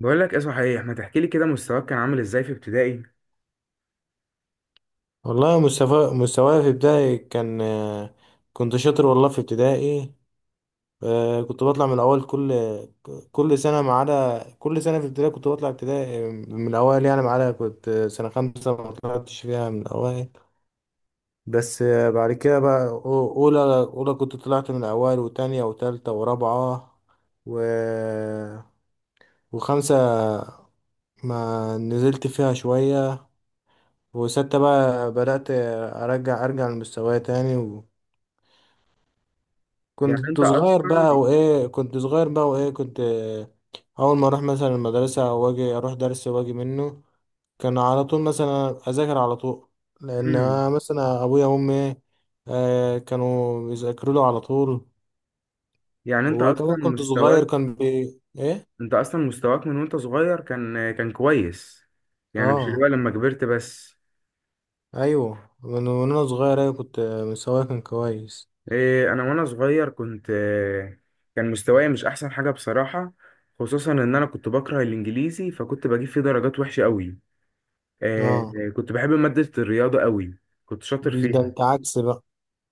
بقول لك ايه صحيح، ما تحكي لي كده مستواك كان عامل ازاي في ابتدائي؟ والله مستواي في ابتدائي كان. كنت شاطر والله في ابتدائي. كنت بطلع من الاول كل سنه، ما عدا كل سنه في ابتدائي كنت بطلع ابتدائي من الاوائل، يعني ما عدا كنت سنه خمسه ما طلعتش فيها من الاوائل. بس بعد كده بقى، اولى كنت طلعت من الاوائل، وتانية وتالتة ورابعه، و وخمسه ما نزلت فيها شويه، وستة بقى بدأت أرجع لمستواي تاني. يعني انت اصلا كنت صغير بقى وايه كنت. اول ما اروح مثلا المدرسه واجي اروح درس واجي منه، كان على طول مثلا اذاكر على طول، لان امم أنا مثلا ابويا وامي كانوا بيذاكروا له على طول. يعني انت اصلا وكمان كنت صغير مستواك كان بي ايه. انت اصلا مستواك من وانت صغير كان كويس، يعني مش اللي هو اه. لما كبرت بس. ايوه، من وانا صغير، ايوه، كنت مستواي كان كويس. إيه، انا وانا صغير كنت كان مستواي مش احسن حاجة بصراحة. خصوصا ان انا كنت بكره الانجليزي، فكنت بجيب فيه درجات وحشة قوي. اه. إيه، كنت بحب مادة الرياضة قوي، كنت شاطر ده فيها. انت عكس بقى.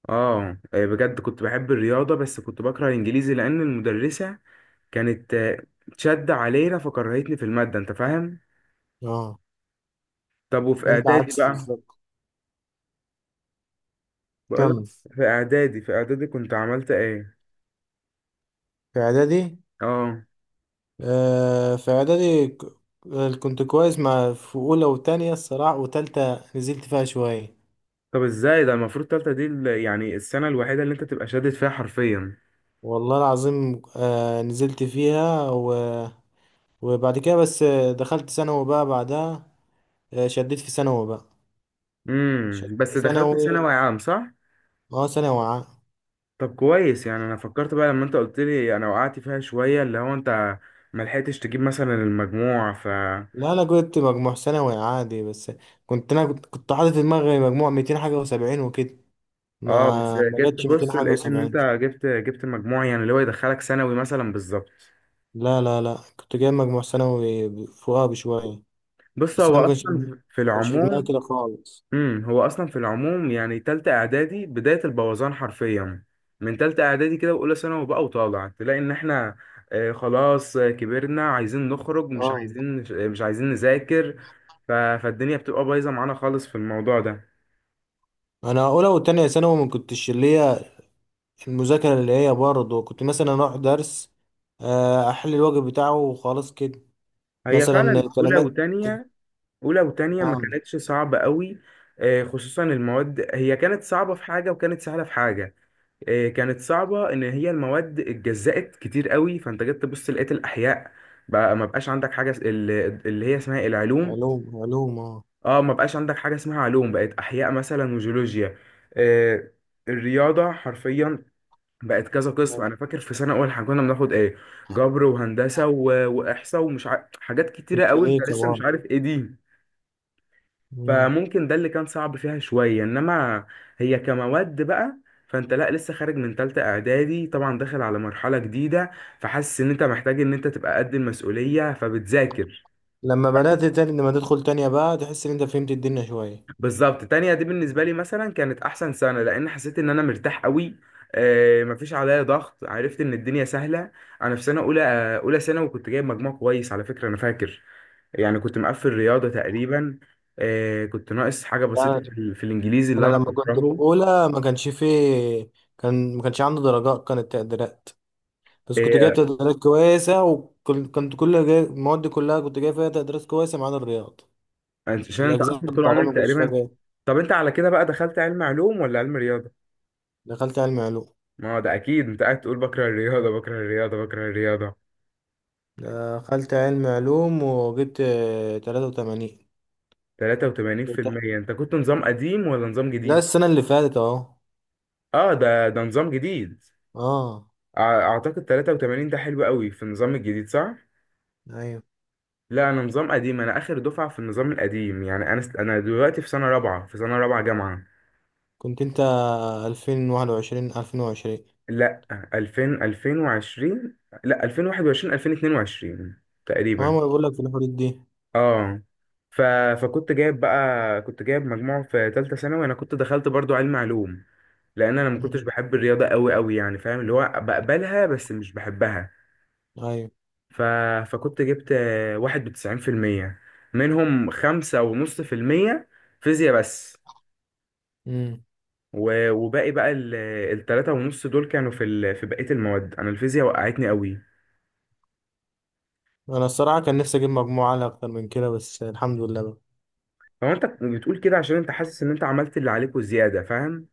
اه بجد كنت بحب الرياضة، بس كنت بكره الانجليزي لان المدرسة كانت شد علينا فكرهتني في المادة، انت فاهم. اه. طب وفي انت اعدادي عكس بقى؟ بالظبط. بقولك، كمل. في اعدادي، في اعدادي كنت عملت ايه؟ في اعدادي. اه. آه، في اعدادي ك- كنت كويس، مع في اولى وتانية الصراحه، وتالتة نزلت فيها شويه. طب ازاي ده؟ المفروض تالتة دي يعني السنة الوحيدة اللي انت تبقى شادد فيها حرفيا. والله العظيم، نزلت فيها وبعد كده بس دخلت ثانوي بقى بعدها. آه، شديت في ثانوي بقى امم، شديت في بس دخلت ثانوي. ثانوي عام صح؟ اه، ثانوي عام. طب كويس. يعني انا فكرت بقى لما انت قلت لي، انا وقعت فيها شوية، اللي هو انت ما لحقتش تجيب مثلا المجموع ف... لا، انا جبت مجموع ثانوي عادي. بس كنت انا كنت حاطط في دماغي مجموع 200 حاجه وسبعين وكده، اه، بس ما جيت جاتش 200 بص حاجه لقيت ان وسبعين. انت جبت مجموع يعني اللي هو يدخلك ثانوي مثلا بالظبط. لا، لا، لا، كنت جايب مجموع ثانوي فوقها بشويه. بص، بس هو انا ما كانش ما اصلا في كانش في دماغي العموم. كده خالص. امم، هو اصلا في العموم يعني تالتة اعدادي بداية البوظان حرفيا. من تالتة اعدادي كده واولى ثانوي بقى وطالع تلاقي ان احنا خلاص كبرنا، عايزين نخرج، اه. مش عايزين نذاكر. فالدنيا بتبقى بايظة معانا خالص في الموضوع ده. انا اولى وتانية ثانوي ما كنتش اللي هي المذاكره، اللي هي برضه كنت مثلا اروح درس، احل الواجب بتاعه وخلاص كده، هي فعلا مثلا اولى كلمات. وتانية، اولى وتانية ما اه، كانتش صعبة قوي. خصوصا المواد، هي كانت صعبة في حاجة وكانت سهلة في حاجة. كانت صعبة إن هي المواد اتجزأت كتير قوي، فأنت جيت تبص لقيت الأحياء بقى، ما بقاش عندك حاجة اللي هي اسمها العلوم. علوم علوم. اه. اه، ما بقاش عندك حاجة اسمها علوم، بقت أحياء مثلا وجيولوجيا. آه، الرياضة حرفيا بقت كذا قسم. آه، أنا فاكر في سنة أول احنا كنا بناخد إيه، جبر وهندسة وإحصاء ومش حاجات كتيرة قوي أنت ميكانيكا لسه مش برضه. عارف إيه دي. مم. فممكن ده اللي كان صعب فيها شوية، انما هي كمواد بقى. فانت لا، لسه خارج من تالتة اعدادي طبعا، داخل على مرحلة جديدة، فحاسس ان انت محتاج ان انت تبقى قد المسؤولية فبتذاكر. لما تدخل تانية بقى تحس ان انت فهمت الدنيا شوية. بالظبط. تانية دي بالنسبة لي مثلا كانت أحسن سنة، لأن حسيت إن أنا مرتاح قوي. مفيش عليا ضغط، عرفت إن الدنيا سهلة. أنا في سنة أولى أولى ثانوي وكنت جايب مجموع كويس على فكرة، أنا فاكر. يعني كنت مقفل رياضة تقريبا. كنت ناقص حاجة بسيطة في يعني في الإنجليزي اللي انا أنا لما كنت في بكرهه. اولى ما كانش فيه، كان ما كانش عندي درجات، كانت تقديرات. بس كنت جايب إيه، تقديرات كويسة، وكنت كل جاي المواد كلها كنت جايب فيها تقديرات كويسة، ما عدا الرياض. عشان انت الأجزاء اصلا طول بتاعتها ما عمرك كنتش فيها تقريبا. جايب. طب انت على كده بقى دخلت علم علوم ولا علم رياضه؟ دخلت علم علوم. ما هو ده اكيد، انت قاعد تقول بكره الرياضه، بكره الرياضه، بكره الرياضه. دخلت علم علوم، وجبت 83. 83% انت كنت نظام قديم ولا نظام لا، جديد؟ السنة اللي فاتت أهو. اه، ده نظام جديد. اه. اعتقد 83 ده حلو قوي في النظام الجديد صح؟ أيوة. لا، انا نظام قديم، انا اخر دفعه في النظام القديم. يعني انا انا دلوقتي في سنه رابعه، جامعه. كنت أنت 2021، 2020. لا، 2000، 2020. لا، 2021، 2022 اه، تقريبا. ما بقولك في الحدود دي. اه. ف... فكنت جايب بقى، كنت جايب مجموع في تالتة ثانوي. انا كنت دخلت برضو علم علوم لان انا ما كنتش مم. بحب الرياضة قوي قوي، يعني فاهم اللي هو بقبلها بس مش بحبها. أيوة. ف... فكنت جبت 91%، منهم 5.5% فيزياء بس. مم. وباقي بقى 3.5 دول كانوا في في بقية المواد. انا الفيزياء وقعتني قوي. أنا الصراحة كان نفسي أجيب مجموعة أعلى أكتر من كده، بس الحمد لله بقى. هو انت بتقول كده عشان انت حاسس ان انت عملت اللي عليك وزيادة، فاهم؟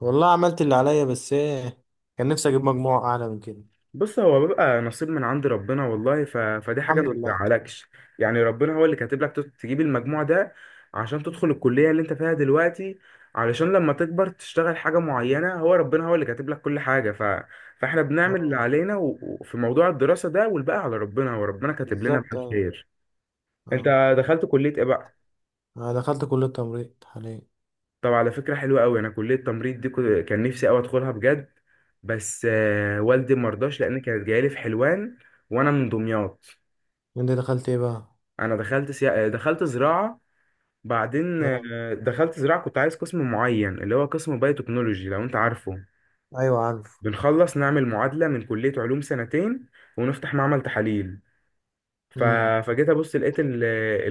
والله عملت اللي عليا، بس إيه، كان نفسي أجيب مجموعة أعلى من كده. بص، هو بيبقى نصيب من عند ربنا، والله. فدي حاجة ما الحمد لله. بتزعلكش. يعني ربنا هو اللي كاتب لك تجيب المجموع ده عشان تدخل الكلية اللي انت فيها دلوقتي. علشان لما تكبر تشتغل حاجة معينة. هو ربنا هو اللي كاتب لك كل حاجة. فاحنا بنعمل اللي اه، علينا وفي موضوع الدراسة ده، والباقي على ربنا، هو ربنا كاتب لنا بقى بالظبط، ايوه. الخير. انت اه. دخلت كلية ايه بقى؟ انا دخلت كلية تمريض حاليا. طب على فكرة حلوة قوي. انا كلية تمريض دي كان نفسي قوي ادخلها بجد، بس والدي مرضاش لان كانت جايلي في حلوان وانا من دمياط. انت دخلت ايه بقى؟ انا دخلت دخلت زراعه. بعدين اه، دخلت زراعه، كنت عايز قسم معين اللي هو قسم بايوتكنولوجي، لو انت عارفه. ايوه، عارف. بنخلص نعمل معادله من كليه علوم سنتين ونفتح معمل تحاليل. ف... امم. فجيت ابص لقيت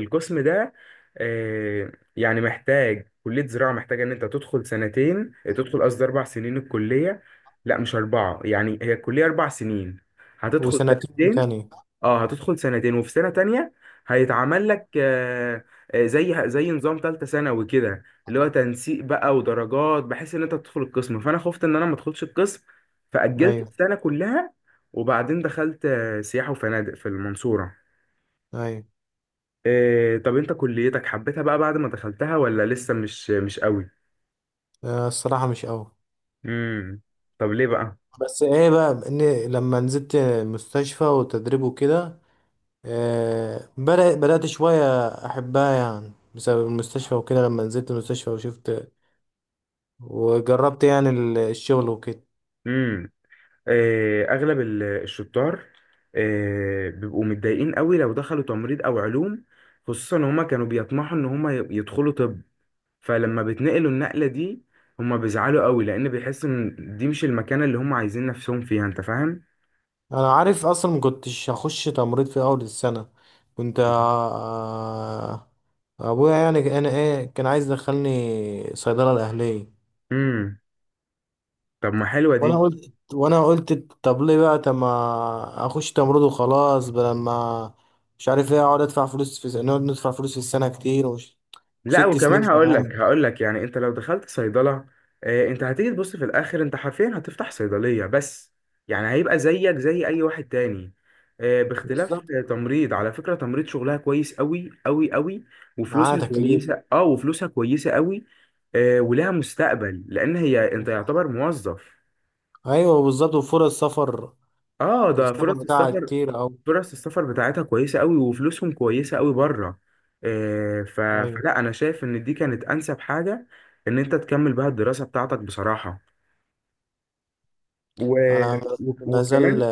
القسم ده يعني محتاج، كليه زراعه محتاجه ان انت تدخل سنتين، تدخل قصدي اربع سنين الكليه، لا مش اربعه، يعني هي الكليه اربع سنين، هتدخل وسنتين سنتين. تانية. اه، هتدخل سنتين وفي سنة تانية هيتعمل لك زي نظام تالتة ثانوي كده، اللي هو تنسيق بقى ودرجات، بحيث ان انت تدخل القسم. فانا خفت ان انا ما ادخلش القسم فأجلت ايوه، السنة كلها. وبعدين دخلت سياحة وفنادق في المنصورة. ايوه. طب انت كليتك حبيتها بقى بعد ما دخلتها ولا لسه مش؟ مش قوي. الصراحة مش قوي. امم. طب ليه بس ايه بقى، ان لما نزلت مستشفى وتدريب وكده، بدأت شوية احبها، يعني بسبب المستشفى وكده لما نزلت المستشفى وشفت وجربت، يعني الشغل وكده. بقى؟ اغلب الشطار بيبقوا متضايقين قوي لو دخلوا تمريض او علوم، خصوصا ان هما كانوا بيطمحوا ان هما يدخلوا طب. فلما بتنقلوا النقلة دي هما بيزعلوا قوي، لان بيحسوا ان دي مش المكانة اللي هما عايزين نفسهم فيها، انت فاهم. انا عارف، اصلا ما كنتش هخش تمريض في اول السنه. كنت ابويا يعني انا كان عايز يدخلني صيدله الاهليه. امم. طب ما حلوة دي. وانا قلت، طب ليه بقى، طب ما اخش تمريض وخلاص بدل ما، مش عارف ايه، اقعد ادفع فلوس في س- نقعد ندفع فلوس في السنه كتير لا وست سنين وكمان هقول لك، كمان. يعني انت لو دخلت صيدله انت هتيجي تبص في الاخر انت حرفيا هتفتح صيدليه بس، يعني هيبقى زيك زي اي واحد تاني. باختلاف بالظبط. تمريض على فكره، تمريض شغلها كويس قوي قوي قوي معاه وفلوسها تكليف. كويسه. اه، وفلوسها كويسه قوي. ولها مستقبل، لان هي انت يعتبر موظف. ايوه بالظبط، وفرص سفر. اه، ده السفر فرص بتاعها السفر، كتير اوي. فرص السفر بتاعتها كويسة قوي وفلوسهم كويسة قوي بره. آه، ف... ايوه. فلا، أنا شايف إن دي كانت أنسب حاجة إن أنت تكمل بها الدراسة بتاعتك بصراحة. و... انا مازال وكمان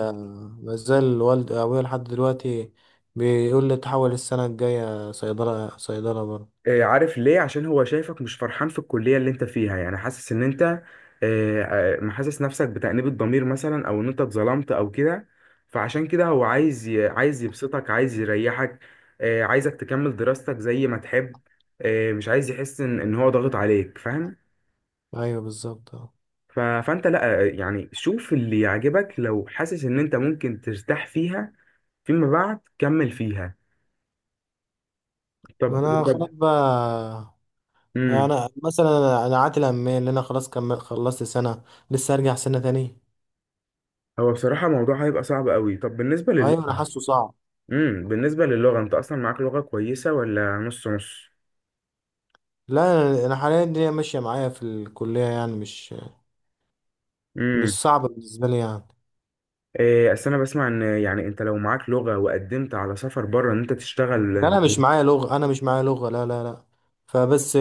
مازال والدي ابويا لحد دلوقتي بيقول لي تحول السنه الجايه صيدله، صيدله برضه. عارف ليه؟ عشان هو شايفك مش فرحان في الكلية اللي أنت فيها، يعني حاسس إن أنت محسس نفسك بتأنيب الضمير مثلا، أو إن أنت اتظلمت أو كده. فعشان كده هو عايز عايز يبسطك، عايز يريحك. عايزك تكمل دراستك زي ما تحب. مش عايز يحس إن هو ضاغط عليك، فاهم. ايوه بالظبط. اه. فانت لا، يعني شوف اللي يعجبك، لو حاسس ان انت ممكن ترتاح فيها فيما بعد كمل فيها. ما طب انا خلاص طب بقى. امم. انا مثلا عاتل امال اللي انا خلاص كمل خلصت سنه، لسه ارجع سنه تانية. هو بصراحة الموضوع هيبقى صعب قوي. طب بالنسبة ايوه، للغة؟ انا حاسه صعب. امم، بالنسبة للغة، انت اصلا معاك لغة كويسة ولا نص نص؟ لا. انا حاليا الدنيا ماشيه معايا في الكليه، يعني مش مش امم. صعبه بالنسبه لي يعني. إيه، اصل انا بسمع ان يعني انت لو معاك لغة وقدمت على سفر بره ان انت تشتغل. لا، انا مش معايا لغه، لا، لا، لا. فبس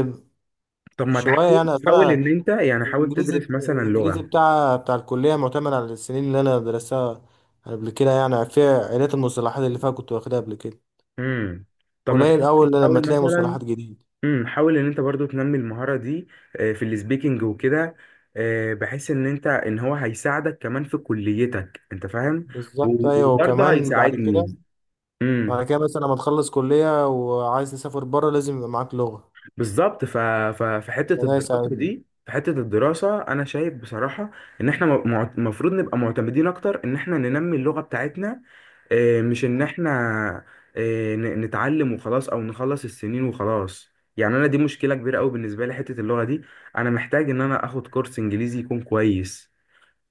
طب ما شويه، تحاول، يعني اصل انا، ان انت يعني حاول الانجليزي، تدرس مثلا لغة. بتاع الكليه معتمد على السنين اللي انا درستها قبل كده، يعني فيها عائلات المصطلحات اللي فيها كنت واخدها قبل كده، امم. طب ما قليل تحاول، اول لما تلاقي مثلا. مصطلحات جديده. امم، حاول ان انت برضو تنمي المهارة دي في السبيكنج وكده، بحيث ان انت ان هو هيساعدك كمان في كليتك، انت فاهم. بالظبط ايوه. وبرضه وكمان بعد كده، هيساعدني. امم. مثلا لما تخلص كليه وعايز تسافر بره، لازم يبقى معاك لغه، بالظبط. في حتة فده الدراسة يساعدني. دي، في حتة الدراسة انا شايف بصراحة ان احنا المفروض نبقى معتمدين اكتر ان احنا ننمي اللغة بتاعتنا. مش ان احنا نتعلم وخلاص، او نخلص السنين وخلاص. يعني انا دي مشكله كبيره قوي بالنسبه لي حته اللغه دي. انا محتاج ان انا اخد كورس انجليزي يكون كويس.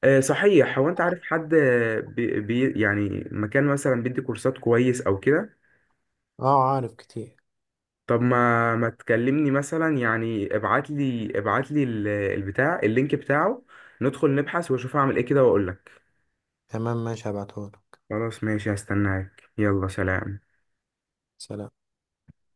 صحيح، هو انت عارف حد يعني مكان مثلا بيدي كورسات كويس او كده؟ اه، عارف كتير. طب ما تكلمني مثلا، يعني ابعت لي، البتاع اللينك بتاعه، ندخل نبحث واشوف اعمل ايه كده واقول لك. تمام ماشي، هبعتهولك. خلاص ماشي، هستناك، يلا سلام. سلام.